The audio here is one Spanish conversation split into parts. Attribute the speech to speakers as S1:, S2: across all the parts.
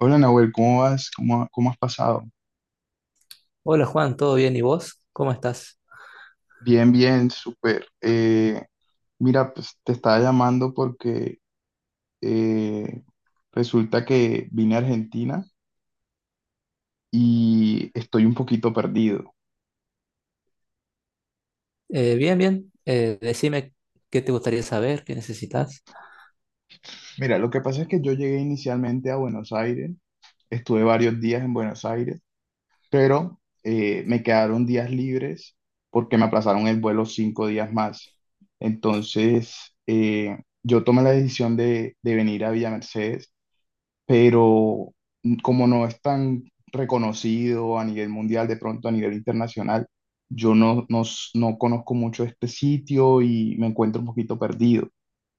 S1: Hola Nahuel, ¿cómo vas? ¿Cómo has pasado?
S2: Hola Juan, ¿todo bien? ¿Y vos? ¿Cómo estás?
S1: Bien, bien, súper. Mira, pues te estaba llamando porque eh, resulta que vine a Argentina y estoy un poquito perdido.
S2: Bien, bien. Decime qué te gustaría saber, qué necesitas.
S1: Mira, lo que pasa es que yo llegué inicialmente a Buenos Aires, estuve varios días en Buenos Aires, pero me quedaron días libres porque me aplazaron el vuelo 5 días más. Entonces, yo tomé la decisión de venir a Villa Mercedes, pero como no es tan reconocido a nivel mundial, de pronto a nivel internacional, yo no conozco mucho este sitio y me encuentro un poquito perdido.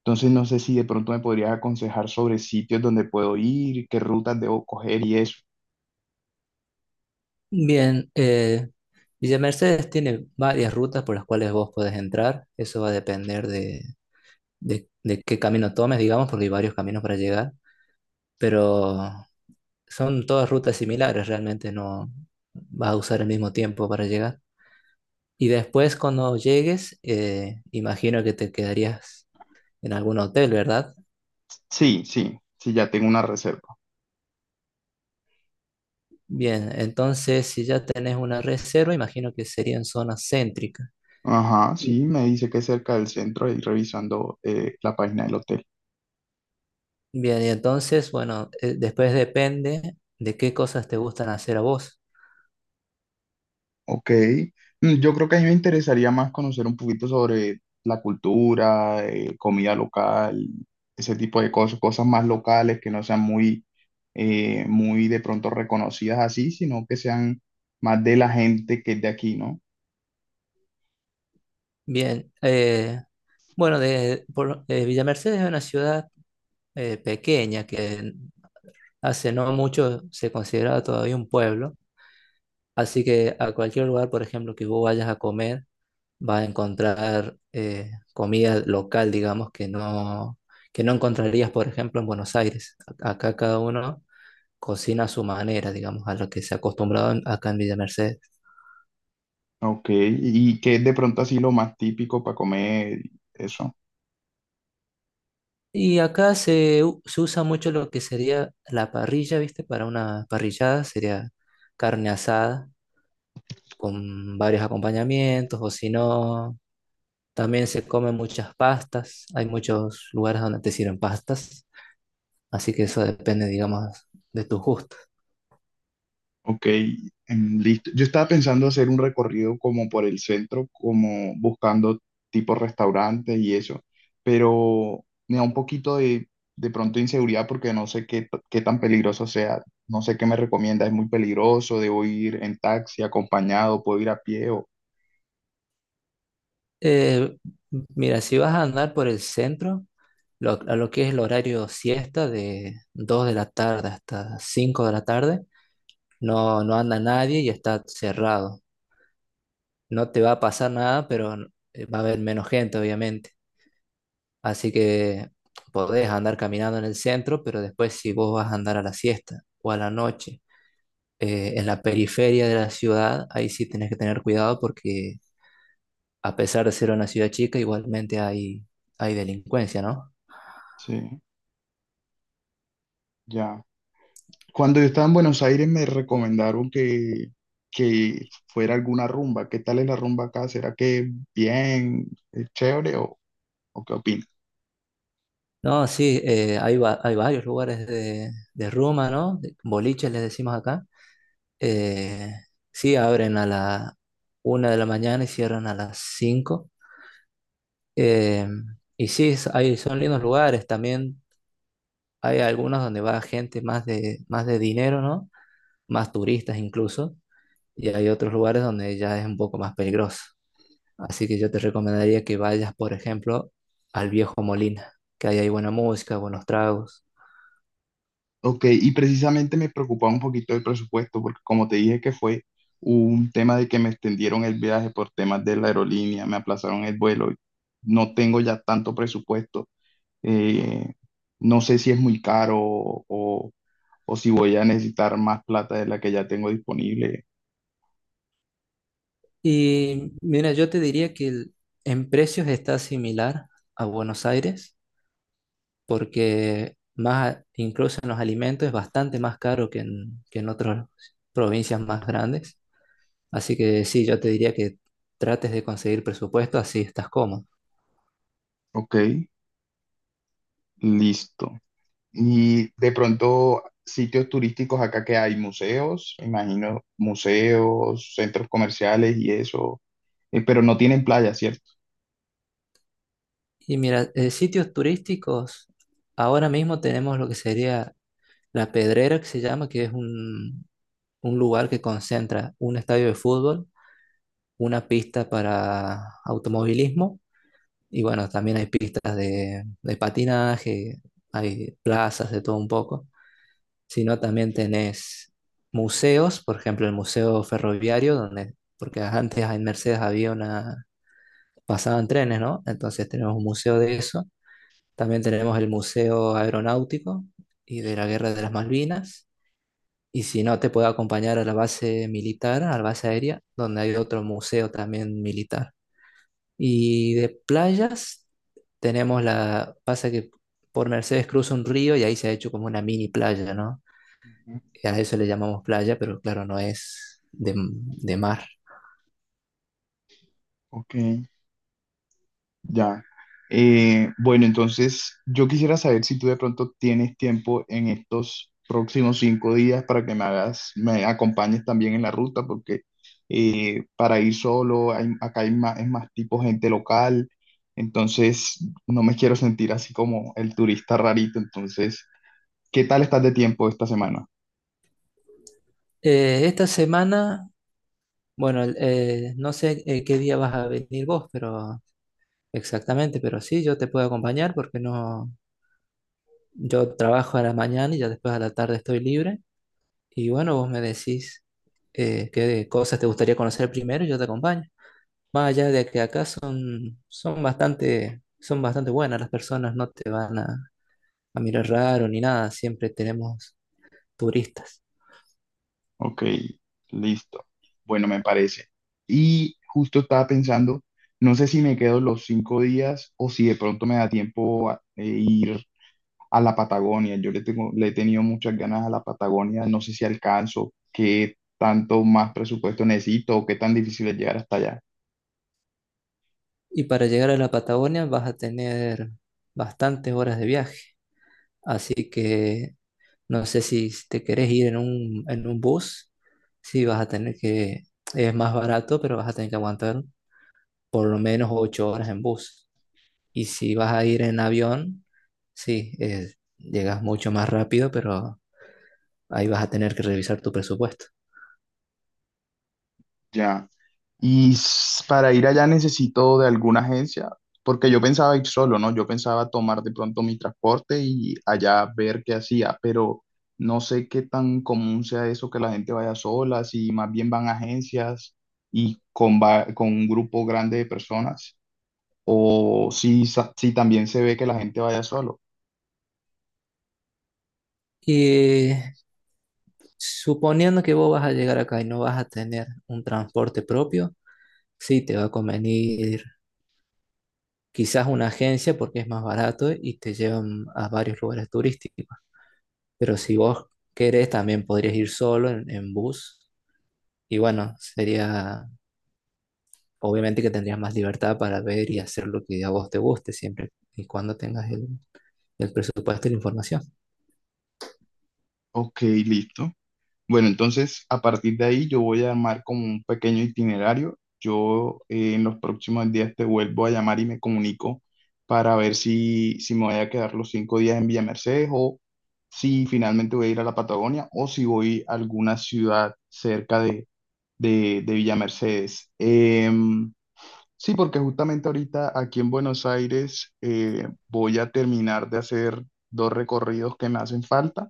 S1: Entonces no sé si de pronto me podrías aconsejar sobre sitios donde puedo ir, qué rutas debo coger y eso.
S2: Bien, Villa Mercedes tiene varias rutas por las cuales vos podés entrar. Eso va a depender de qué camino tomes, digamos, porque hay varios caminos para llegar. Pero son todas rutas similares, realmente no vas a usar el mismo tiempo para llegar. Y después cuando llegues, imagino que te quedarías en algún hotel, ¿verdad?
S1: Sí, sí, sí, ya tengo una reserva.
S2: Bien, entonces si ya tenés una reserva, imagino que sería en zona céntrica.
S1: Ajá,
S2: Y-
S1: sí, me dice que es cerca del centro y revisando la página del hotel.
S2: Bien, y entonces, bueno, después depende de qué cosas te gustan hacer a vos.
S1: Ok. Mm, yo creo que a mí me interesaría más conocer un poquito sobre la cultura, comida local, ese tipo de cosas, cosas más locales que no sean muy, muy de pronto reconocidas así, sino que sean más de la gente que es de aquí, ¿no?
S2: Bien, bueno, Villa Mercedes es una ciudad pequeña que hace no mucho se consideraba todavía un pueblo, así que a cualquier lugar, por ejemplo, que vos vayas a comer, va a encontrar comida local, digamos, que no encontrarías, por ejemplo, en Buenos Aires. Acá cada uno cocina a su manera, digamos, a lo que se ha acostumbrado acá en Villa Mercedes.
S1: Ok, y que es de pronto así lo más típico para comer, eso.
S2: Y acá se usa mucho lo que sería la parrilla, ¿viste? Para una parrillada sería carne asada con varios acompañamientos, o si no, también se comen muchas pastas. Hay muchos lugares donde te sirven pastas, así que eso depende, digamos, de tus gustos.
S1: Ok, em, listo. Yo estaba pensando hacer un recorrido como por el centro, como buscando tipo restaurantes y eso, pero me da un poquito de pronto inseguridad porque no sé qué tan peligroso sea. No sé qué me recomienda. ¿Es muy peligroso? ¿Debo ir en taxi, acompañado? ¿Puedo ir a pie? O...
S2: Eh, Mira, si vas a andar por el centro, a lo que es el horario siesta de 2 de la tarde hasta 5 de la tarde, no, no anda nadie y está cerrado. No te va a pasar nada, pero va a haber menos gente, obviamente. Así que podés andar caminando en el centro, pero después si vos vas a andar a la siesta o a la noche, en la periferia de la ciudad, ahí sí tenés que tener cuidado porque a pesar de ser una ciudad chica, igualmente hay delincuencia, ¿no?
S1: Sí, ya. Cuando yo estaba en Buenos Aires me recomendaron que fuera alguna rumba. ¿Qué tal es la rumba acá? ¿Será que bien, es chévere o qué opinas?
S2: No, sí, hay, hay varios lugares de rumba, ¿no? Boliches les decimos acá. Eh, sí, abren a la 1 de la mañana y cierran a las 5. Eh, y sí, hay, son lindos lugares. También hay algunos donde va gente más de dinero, ¿no? Más turistas incluso. Y hay otros lugares donde ya es un poco más peligroso. Así que yo te recomendaría que vayas, por ejemplo, al Viejo Molina, que ahí hay buena música, buenos tragos.
S1: Ok, y precisamente me preocupaba un poquito el presupuesto, porque como te dije que fue un tema de que me extendieron el viaje por temas de la aerolínea, me aplazaron el vuelo, no tengo ya tanto presupuesto, eh, no sé si es muy caro o si voy a necesitar más plata de la que ya tengo disponible.
S2: Y mira, yo te diría en precios está similar a Buenos Aires, porque incluso en los alimentos es bastante más caro que en otras provincias más grandes. Así que sí, yo te diría que trates de conseguir presupuesto, así estás cómodo.
S1: Ok, listo. Y de pronto, sitios turísticos acá que hay museos, me imagino museos, centros comerciales y eso, pero no tienen playa, ¿cierto?
S2: Y mira, sitios turísticos, ahora mismo tenemos lo que sería La Pedrera, que se llama, que es un lugar que concentra un estadio de fútbol, una pista para automovilismo. Y bueno, también hay pistas de patinaje, hay plazas de todo un poco, sino también tenés museos, por ejemplo, el Museo Ferroviario, donde, porque antes en Mercedes había una, pasaban trenes, ¿no? Entonces tenemos un museo de eso. También tenemos el Museo Aeronáutico y de la Guerra de las Malvinas. Y si no, te puedo acompañar a la base militar, a la base aérea, donde hay otro museo también militar. Y de playas tenemos la, pasa que por Mercedes cruza un río y ahí se ha hecho como una mini playa, ¿no? Y a eso le llamamos playa, pero claro, no es de mar.
S1: Ok, ya. Bueno, entonces yo quisiera saber si tú de pronto tienes tiempo en estos próximos 5 días para que me hagas, me acompañes también en la ruta, porque para ir solo, acá hay más, es más tipo gente local, entonces no me quiero sentir así como el turista rarito. Entonces, ¿qué tal estás de tiempo esta semana?
S2: Esta semana, bueno, no sé qué día vas a venir vos, pero exactamente, pero sí, yo te puedo acompañar porque no, yo trabajo a la mañana y ya después a la tarde estoy libre. Y bueno, vos me decís qué cosas te gustaría conocer primero y yo te acompaño. Vaya, de que acá son, son bastante buenas las personas, no te van a mirar raro ni nada, siempre tenemos turistas.
S1: Ok, listo. Bueno, me parece. Y justo estaba pensando, no sé si me quedo los 5 días o si de pronto me da tiempo a ir a la Patagonia. Yo le tengo, le he tenido muchas ganas a la Patagonia. No sé si alcanzo, qué tanto más presupuesto necesito o qué tan difícil es llegar hasta allá.
S2: Y para llegar a la Patagonia vas a tener bastantes horas de viaje, así que no sé si te querés ir en un bus, sí vas a tener que, es más barato, pero vas a tener que aguantar por lo menos 8 horas en bus. Y si vas a ir en avión, sí, llegas mucho más rápido, pero ahí vas a tener que revisar tu presupuesto.
S1: Ya. Y para ir allá necesito de alguna agencia, porque yo pensaba ir solo, ¿no? Yo pensaba tomar de pronto mi transporte y allá ver qué hacía, pero no sé qué tan común sea eso que la gente vaya sola, si más bien van a agencias y con un grupo grande de personas, o si también se ve que la gente vaya solo.
S2: Y suponiendo que vos vas a llegar acá y no vas a tener un transporte propio, sí te va a convenir quizás una agencia porque es más barato y te llevan a varios lugares turísticos. Pero si vos querés, también podrías ir solo en bus. Y bueno, sería obviamente que tendrías más libertad para ver y hacer lo que a vos te guste siempre y cuando tengas el presupuesto y la información.
S1: Ok, listo. Bueno, entonces a partir de ahí yo voy a armar como un pequeño itinerario. Yo, en los próximos días te vuelvo a llamar y me comunico para ver si me voy a quedar los 5 días en Villa Mercedes o si finalmente voy a ir a la Patagonia o si voy a alguna ciudad cerca de Villa Mercedes. Em, sí, porque justamente ahorita aquí en Buenos Aires voy a terminar de hacer dos recorridos que me hacen falta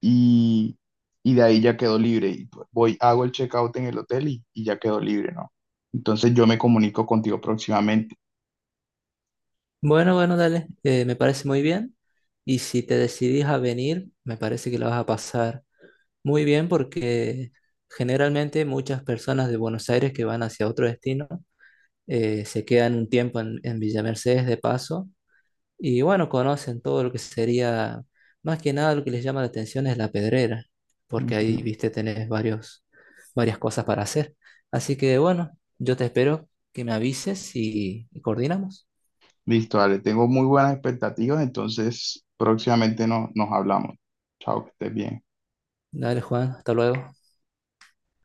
S1: y, y de ahí ya quedo libre. Y pues voy, hago el checkout en el hotel y ya quedo libre, ¿no? Entonces yo me comunico contigo próximamente.
S2: Bueno, bueno, dale, me parece muy bien. Y si te decidís a venir, me parece que la vas a pasar muy bien porque generalmente muchas personas de Buenos Aires que van hacia otro destino se quedan un tiempo en Villa Mercedes de paso y bueno, conocen todo lo que sería, más que nada lo que les llama la atención es la Pedrera, porque ahí,
S1: Ujú.
S2: viste, tenés varios, varias cosas para hacer. Así que bueno, yo te espero que me avises y coordinamos.
S1: Listo, dale, tengo muy buenas expectativas, entonces próximamente no, nos hablamos. Chao, que estés bien.
S2: Dale, Juan, hasta luego.